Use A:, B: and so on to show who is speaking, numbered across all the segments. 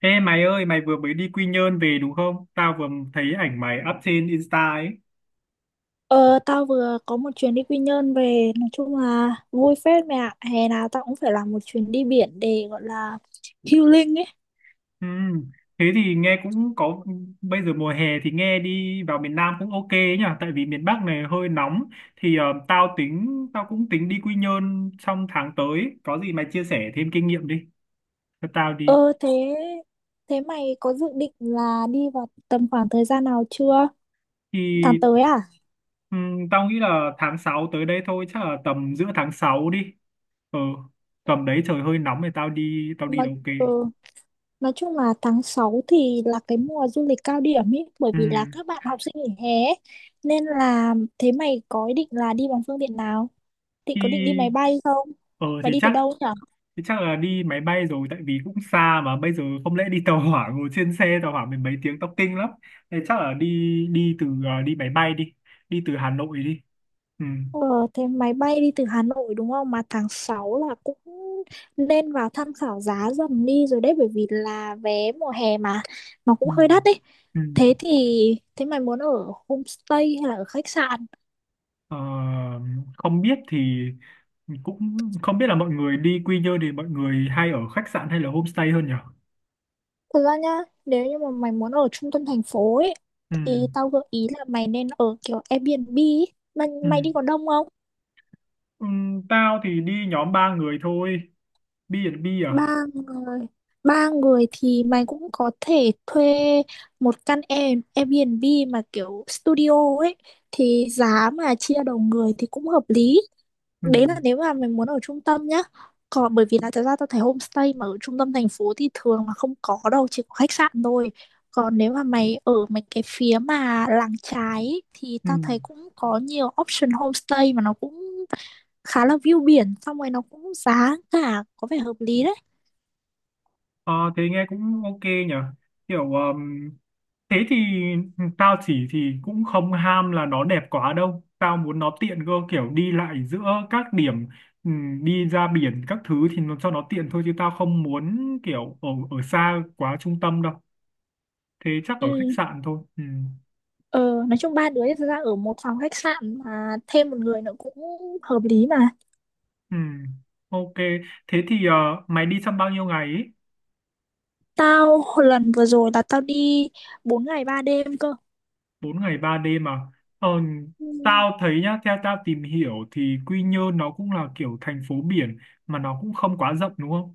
A: Ê mày ơi, mày vừa mới đi Quy Nhơn về đúng không? Tao vừa thấy ảnh mày up trên Insta ấy.
B: Ờ, tao vừa có một chuyến đi Quy Nhơn về, nói chung là vui phết mẹ ạ. Hè nào tao cũng phải làm một chuyến đi biển để gọi là healing ấy.
A: Ừm. Thế thì nghe cũng có, bây giờ mùa hè thì nghe đi vào miền Nam cũng ok ấy nhỉ? Tại vì miền Bắc này hơi nóng. Tao tính, tao cũng tính đi Quy Nhơn trong tháng tới. Có gì mày chia sẻ thêm kinh nghiệm đi, cho tao đi.
B: Ờ thế thế mày có dự định là đi vào tầm khoảng thời gian nào chưa? Tháng
A: Thì
B: tới à?
A: tao nghĩ là tháng 6 tới đây thôi, chắc là tầm giữa tháng 6 đi. Ừ, tầm đấy trời hơi nóng thì tao đi
B: nói,
A: là ok.
B: ừ, nói chung là tháng 6 thì là cái mùa du lịch cao điểm ấy, bởi
A: Ừ.
B: vì là các bạn học sinh nghỉ hè ấy. Nên là thế mày có ý định là đi bằng phương tiện nào?
A: Thì
B: Có định đi máy bay không?
A: Ờ
B: Mày đi từ đâu nhỉ?
A: thì chắc là đi máy bay rồi, tại vì cũng xa mà bây giờ không lẽ đi tàu hỏa, ngồi trên xe tàu hỏa mình mấy tiếng tóc kinh lắm. Thế chắc là đi đi từ ờ, đi máy bay đi, đi từ Hà Nội đi. Ừ.
B: Ờ, thế máy bay đi từ Hà Nội đúng không? Mà tháng 6 là cũng lên vào tham khảo giá dần đi rồi đấy, bởi vì là vé mùa hè mà nó cũng
A: Ừ.
B: hơi đắt đấy.
A: Ừ.
B: Thế thì Thế mày muốn ở homestay hay là ở khách sạn?
A: Ờ, không biết thì cũng không biết là mọi người đi Quy Nhơn thì mọi người hay ở khách sạn hay là homestay hơn nhỉ?
B: Thật ra nhá, nếu như mà mày muốn ở trung tâm thành phố ấy
A: Ừ.
B: thì tao gợi ý là mày nên ở kiểu Airbnb ấy. Mày,
A: Ừ.
B: mày đi có đông không?
A: Ừ. Tao thì đi nhóm ba người thôi. Bi à? Bi à?
B: Ba người? Ba người thì mày cũng có thể thuê một căn Airbnb mà kiểu studio ấy, thì giá mà chia đầu người thì cũng hợp lý.
A: Ừ.
B: Đấy là nếu mà mày muốn ở trung tâm nhá. Còn bởi vì là thật ra tao thấy homestay mà ở trung tâm thành phố thì thường là không có đâu, chỉ có khách sạn thôi. Còn nếu mà mày ở mấy cái phía mà làng trái ấy, thì
A: Ừ.
B: tao thấy cũng có nhiều option homestay mà nó cũng khá là view biển, xong rồi nó cũng giá cả có vẻ hợp lý đấy.
A: Ờ, thế nghe cũng ok nhỉ, kiểu thế thì tao chỉ thì cũng không ham là nó đẹp quá đâu, tao muốn nó tiện cơ, kiểu đi lại giữa các điểm, đi ra biển các thứ thì nó cho nó tiện thôi, chứ tao không muốn kiểu ở ở xa quá trung tâm đâu, thế chắc
B: Ừ,
A: ở khách sạn thôi.
B: ờ, nói chung ba đứa thực ra ở một phòng khách sạn mà thêm một người nữa cũng hợp lý mà.
A: Ừm, ok, thế thì mày đi trong bao nhiêu ngày ý?
B: Tao hồi lần vừa rồi là tao đi 4 ngày 3 đêm cơ.
A: Bốn ngày ba đêm mà, ờ,
B: Ừ.
A: tao thấy nhá, theo tao tìm hiểu thì Quy Nhơn nó cũng là kiểu thành phố biển mà nó cũng không quá rộng đúng không,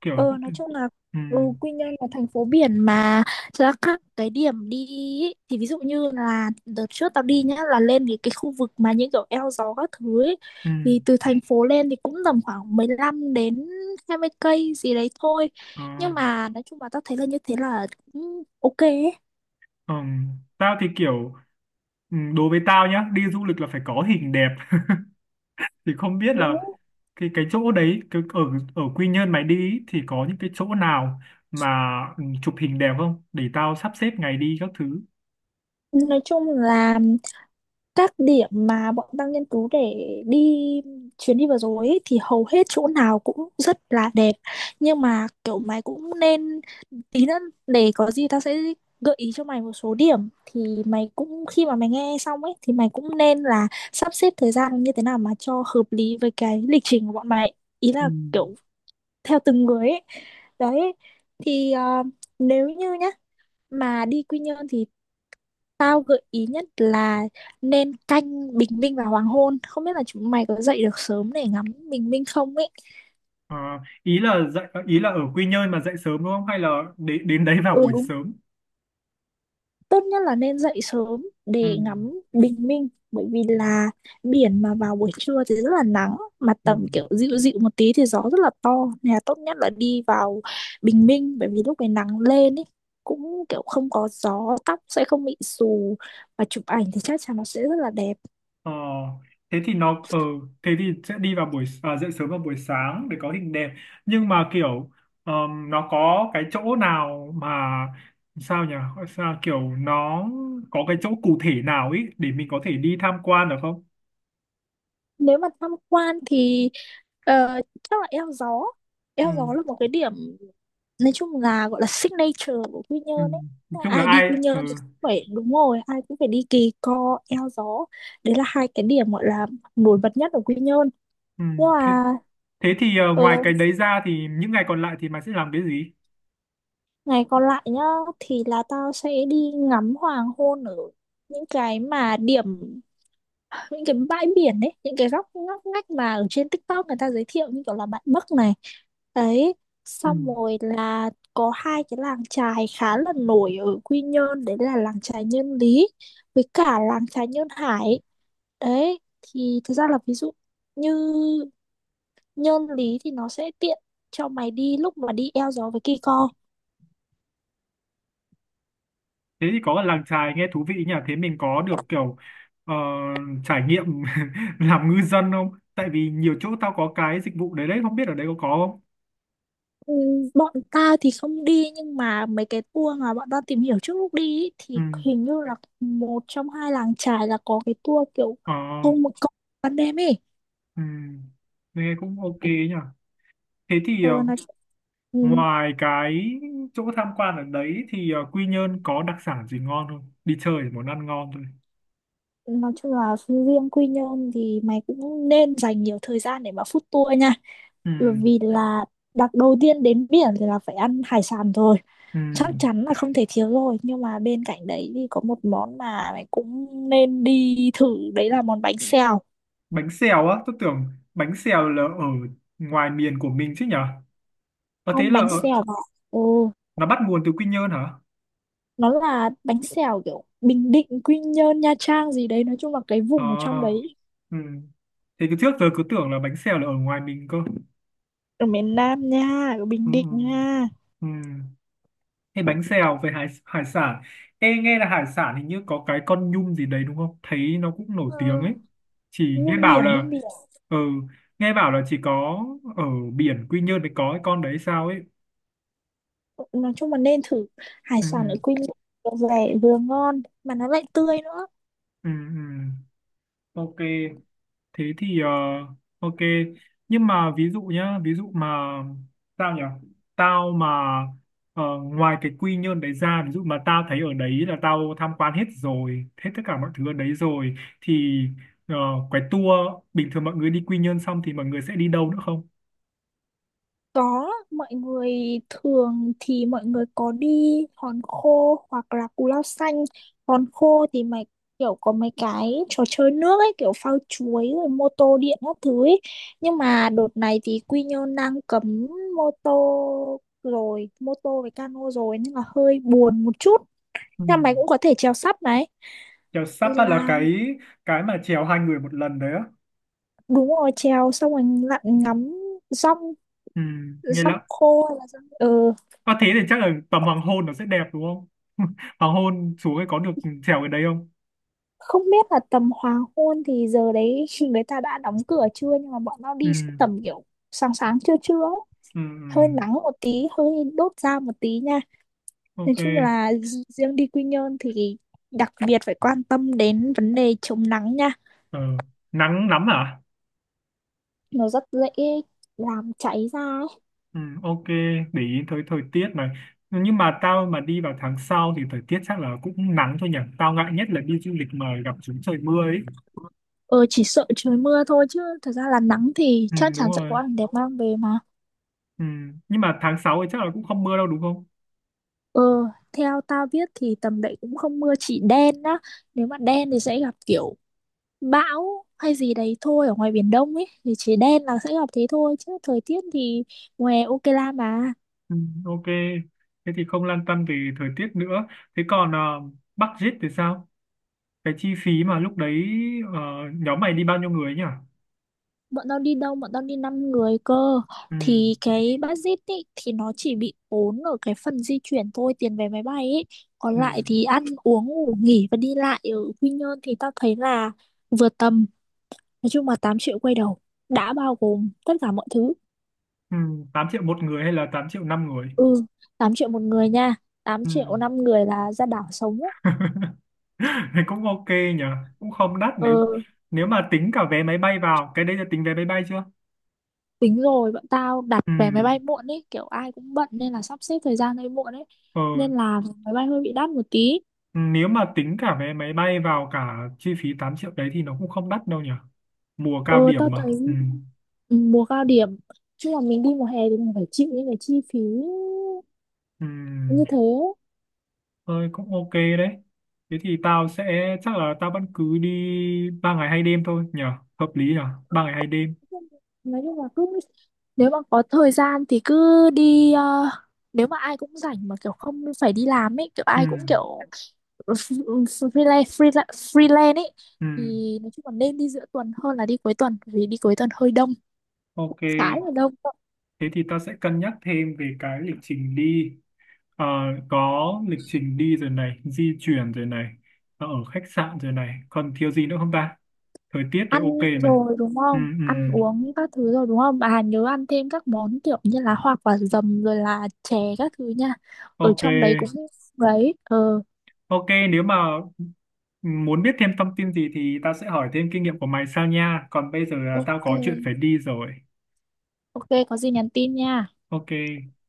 A: kiểu
B: Ờ,
A: cũng
B: nói chung là
A: ừ,
B: ừ, Quy Nhơn là thành phố biển mà, thực ra các cái điểm đi ý, thì ví dụ như là đợt trước tao đi nhá là lên cái khu vực mà những kiểu eo gió các thứ ấy,
A: ừ,
B: thì từ thành phố lên thì cũng tầm khoảng 15 đến 20 cây gì đấy thôi.
A: ờ,
B: Nhưng mà nói chung là tao thấy là như thế là cũng ok ấy.
A: ờ. Tao thì kiểu ừ, đối với tao nhá, đi du lịch là phải có hình đẹp thì không biết là
B: Đúng.
A: cái chỗ đấy ở ở Quy Nhơn mày đi ý, thì có những cái chỗ nào mà ừ, chụp hình đẹp không để tao sắp xếp ngày đi các thứ.
B: Nói chung là các điểm mà bọn tao nghiên cứu để đi chuyến đi vừa rồi ấy, thì hầu hết chỗ nào cũng rất là đẹp, nhưng mà kiểu mày cũng nên tí nữa để có gì tao sẽ gợi ý cho mày một số điểm, thì mày cũng khi mà mày nghe xong ấy thì mày cũng nên là sắp xếp thời gian như thế nào mà cho hợp lý với cái lịch trình của bọn mày, ý
A: Ừ.
B: là kiểu theo từng người ấy. Đấy thì ờ, nếu như nhá mà đi Quy Nhơn thì tao gợi ý nhất là nên canh bình minh và hoàng hôn. Không biết là chúng mày có dậy được sớm để ngắm bình minh không ấy.
A: Ờ, ý là dạy ý là ở Quy Nhơn mà dậy sớm đúng không, hay là đến đến đấy vào
B: Ừ
A: buổi
B: đúng,
A: sớm.
B: tốt nhất là nên dậy sớm
A: Ừ,
B: để ngắm bình minh. Bởi vì là biển mà vào buổi trưa thì rất là nắng, mà
A: ừ.
B: tầm kiểu dịu dịu một tí thì gió rất là to. Nên là tốt nhất là đi vào bình minh, bởi vì lúc này nắng lên ấy cũng kiểu không có gió, tóc sẽ không bị xù và chụp ảnh thì chắc chắn nó sẽ rất là đẹp.
A: Ờ, thế thì nó ờ thế thì sẽ đi vào buổi à, dậy sớm vào buổi sáng để có hình đẹp, nhưng mà kiểu nó có cái chỗ nào mà sao nhỉ, sao kiểu nó có cái chỗ cụ thể nào ấy để mình có thể đi tham quan được không.
B: Nếu mà tham quan thì ờ, chắc là eo gió.
A: Ừ,
B: Eo gió là một cái điểm nói chung là gọi là signature của Quy
A: ừ.
B: Nhơn ấy.
A: Nói
B: Tức là
A: chung là
B: ai đi
A: ai
B: Quy Nhơn
A: ừ,
B: thì cũng phải đúng rồi, ai cũng phải đi Kỳ Co eo gió, đấy là hai cái điểm gọi là nổi bật nhất ở Quy Nhơn.
A: ừ.
B: Nhưng
A: Thế,
B: mà
A: thế thì ngoài
B: ờ,
A: cái đấy ra thì những ngày còn lại thì mày sẽ làm cái gì.
B: ngày còn lại nhá thì là tao sẽ đi ngắm hoàng hôn ở những cái mà điểm, những cái bãi biển ấy, những cái góc ngóc ngách mà ở trên TikTok người ta giới thiệu như kiểu là Bạt Bấc này. Đấy,
A: Ừ.
B: xong rồi là có hai cái làng chài khá là nổi ở Quy Nhơn, đấy là làng chài Nhân Lý với cả làng chài Nhơn Hải. Đấy thì thực ra là ví dụ như Nhân Lý thì nó sẽ tiện cho mày đi lúc mà đi eo gió với Kỳ Co.
A: Thế thì có làng chài nghe thú vị nhỉ, thế mình có được kiểu ờ, trải nghiệm làm ngư dân không, tại vì nhiều chỗ tao có cái dịch vụ đấy đấy, không biết ở đây có không.
B: Ừ, bọn ta thì không đi nhưng mà mấy cái tour mà bọn ta tìm hiểu trước lúc đi ý,
A: Ừ.
B: thì hình như là một trong hai làng chài là có cái tour kiểu
A: Ờ,
B: không một cộng ban đêm ấy.
A: ừ. Nghe cũng ok nhỉ, thế thì
B: Ờ, ừ,
A: ngoài cái chỗ tham quan ở đấy thì Quy Nhơn có đặc sản gì ngon không, đi chơi thì muốn ăn ngon thôi.
B: nói chung là riêng Quy Nhơn thì mày cũng nên dành nhiều thời gian để mà food tour nha,
A: Ừ.
B: bởi vì là đặt đầu tiên đến biển thì là phải ăn hải sản rồi,
A: Ừ.
B: chắc chắn là không thể thiếu rồi, nhưng mà bên cạnh đấy thì có một món mà mày cũng nên đi thử đấy là món bánh xèo.
A: Bánh xèo á? Tôi tưởng bánh xèo là ở ngoài miền của mình chứ nhỉ, có thế
B: Không,
A: là
B: bánh
A: ở,
B: xèo bạn, ừ,
A: nó bắt nguồn từ Quy Nhơn hả?
B: nó là bánh xèo kiểu Bình Định Quy Nhơn Nha Trang gì đấy, nói chung là cái
A: Ờ,
B: vùng ở trong đấy,
A: ừ. Thế cứ trước giờ cứ tưởng là bánh xèo là ở ngoài mình cơ.
B: ở miền Nam nha, ở
A: Ừ,
B: Bình
A: ừ,
B: Định nha.
A: ừ. Thế bánh xèo về hải sản. Ê, nghe là hải sản hình như có cái con nhum gì đấy đúng không? Thấy nó cũng nổi tiếng
B: Ừ.
A: ấy. Chỉ nghe
B: Nhung
A: bảo
B: biển, nhung
A: là,
B: biển,
A: ừ, nghe bảo là chỉ có ở biển Quy Nhơn mới có cái con đấy sao ấy.
B: nói chung là nên thử hải
A: Ừ,
B: sản ở
A: ừ,
B: Quy Nhơn, vừa rẻ vừa ngon mà nó lại tươi nữa.
A: ừ, ừ. Ok, thế thì ok nhưng mà ví dụ nhá, ví dụ mà sao nhỉ, tao mà ngoài cái Quy Nhơn đấy ra, ví dụ mà tao thấy ở đấy là tao tham quan hết rồi, hết tất cả mọi thứ ở đấy rồi thì ờ, cái tour bình thường mọi người đi Quy Nhơn xong thì mọi người sẽ đi đâu nữa không.
B: Có, mọi người thường thì mọi người có đi hòn khô hoặc là cù lao xanh. Hòn khô thì mày kiểu có mấy cái trò chơi nước ấy, kiểu phao chuối rồi mô tô điện các thứ ấy. Nhưng mà đợt này thì Quy Nhơn đang cấm mô tô rồi, mô tô với cano rồi nên là hơi buồn một chút.
A: Ừ.
B: Nhưng mày cũng có thể chèo sắp này.
A: Chèo sắp á, là
B: Là
A: cái mà chèo hai người một lần đấy á.
B: đúng rồi, trèo xong rồi lặn ngắm rong,
A: Ừ. Nghe
B: rong
A: lắm,
B: khô hay là rong... Ừ.
A: có thế thì chắc là tầm hoàng hôn nó sẽ đẹp đúng không hoàng hôn xuống ấy có được chèo cái đấy không.
B: Không biết là tầm hoàng hôn thì giờ đấy người ta đã đóng cửa chưa, nhưng mà bọn tao
A: Ừ.
B: đi sẽ tầm kiểu sáng sáng trưa trưa ấy.
A: Ừ,
B: Hơi
A: ừ,
B: nắng một tí, hơi đốt da một tí nha. Nói
A: ok.
B: chung là riêng đi Quy Nhơn thì đặc biệt phải quan tâm đến vấn đề chống nắng nha,
A: ờ, nắng lắm à?
B: nó rất dễ làm cháy da ấy.
A: Ừ, ok, để ý tới thời tiết này, nhưng mà tao mà đi vào tháng sau thì thời tiết chắc là cũng nắng thôi nhỉ, tao ngại nhất là đi du lịch mà gặp chúng trời mưa ấy.
B: Ờ, chỉ sợ trời mưa thôi chứ thật ra là nắng thì
A: Ừ,
B: chắc
A: đúng
B: chắn sẽ có
A: rồi.
B: ảnh đẹp mang về mà.
A: Ừ. Nhưng mà tháng 6 thì chắc là cũng không mưa đâu đúng không.
B: Ờ, theo tao biết thì tầm đấy cũng không mưa, chỉ đen á, nếu mà đen thì sẽ gặp kiểu bão hay gì đấy thôi ở ngoài Biển Đông ấy, thì chỉ đen là sẽ gặp thế thôi chứ thời tiết thì ngoài ok la mà.
A: Ừ, ok, thế thì không lăn tăn về thời tiết nữa, thế còn budget thì sao, cái chi phí mà lúc đấy ờ, nhóm mày đi bao nhiêu người nhỉ.
B: Bọn tao đi 5 người cơ.
A: Ừ,
B: Thì cái budget ấy thì nó chỉ bị ốm ở cái phần di chuyển thôi, tiền vé máy bay ấy, còn
A: ừ,
B: lại thì ăn uống ngủ nghỉ và đi lại ở Quy Nhơn thì tao thấy là vừa tầm. Nói chung là 8 triệu quay đầu đã bao gồm tất cả mọi thứ.
A: ừ, 8 triệu một người hay là 8 triệu năm người?
B: Ừ, 8 triệu một người nha, tám
A: Ừ.
B: triệu 5 người là ra đảo sống ấy.
A: Thì cũng ok nhỉ, cũng không đắt, nếu
B: Ừ,
A: nếu mà tính cả vé máy bay vào cái đấy, là tính vé máy bay chưa?
B: tính rồi, bọn tao đặt
A: Ừ.
B: vé máy bay muộn ấy, kiểu ai cũng bận nên là sắp xếp thời gian hơi muộn ấy,
A: ờ,
B: nên là máy bay hơi bị đắt một tí.
A: Nếu mà tính cả vé máy bay vào cả chi phí 8 triệu đấy thì nó cũng không đắt đâu nhỉ, mùa cao
B: Ừ tao
A: điểm mà, ừ.
B: thấy, ừ, mùa cao điểm chứ mà mình đi mùa hè thì mình phải chịu những cái chi phí
A: Ừ.
B: như thế.
A: Thôi cũng ok đấy, thế thì tao sẽ chắc là tao vẫn cứ đi ba ngày hai đêm thôi nhỉ, hợp lý nhỉ,
B: Ừ,
A: ba ngày hai đêm.
B: nói chung là cứ nếu mà có thời gian thì cứ đi, ờ, nếu mà ai cũng rảnh mà kiểu không phải đi làm ấy, kiểu
A: Ừ.
B: ai cũng kiểu freelance freelance freelance ấy,
A: Ừ.
B: thì nói chung là nên đi giữa tuần hơn là đi cuối tuần vì đi cuối tuần hơi đông,
A: Ok,
B: khá là đông đó.
A: thế thì ta sẽ cân nhắc thêm về cái lịch trình đi. Ờ, có lịch trình đi rồi này, di chuyển rồi này, ở khách sạn rồi này, còn thiếu gì nữa không ta, thời tiết rồi,
B: Ăn
A: ok này.
B: rồi đúng
A: Ừ,
B: không?
A: ừ.
B: Ăn uống các thứ rồi đúng không? Bà nhớ ăn thêm các món kiểu như là hoa quả dầm rồi là chè các thứ nha. Ở
A: Ok,
B: trong đấy cũng đấy, ờ
A: ok, nếu mà muốn biết thêm thông tin gì thì ta sẽ hỏi thêm kinh nghiệm của mày sau nha, còn bây giờ là tao
B: ok.
A: có chuyện phải đi rồi.
B: Ok, có gì nhắn tin nha.
A: Ok.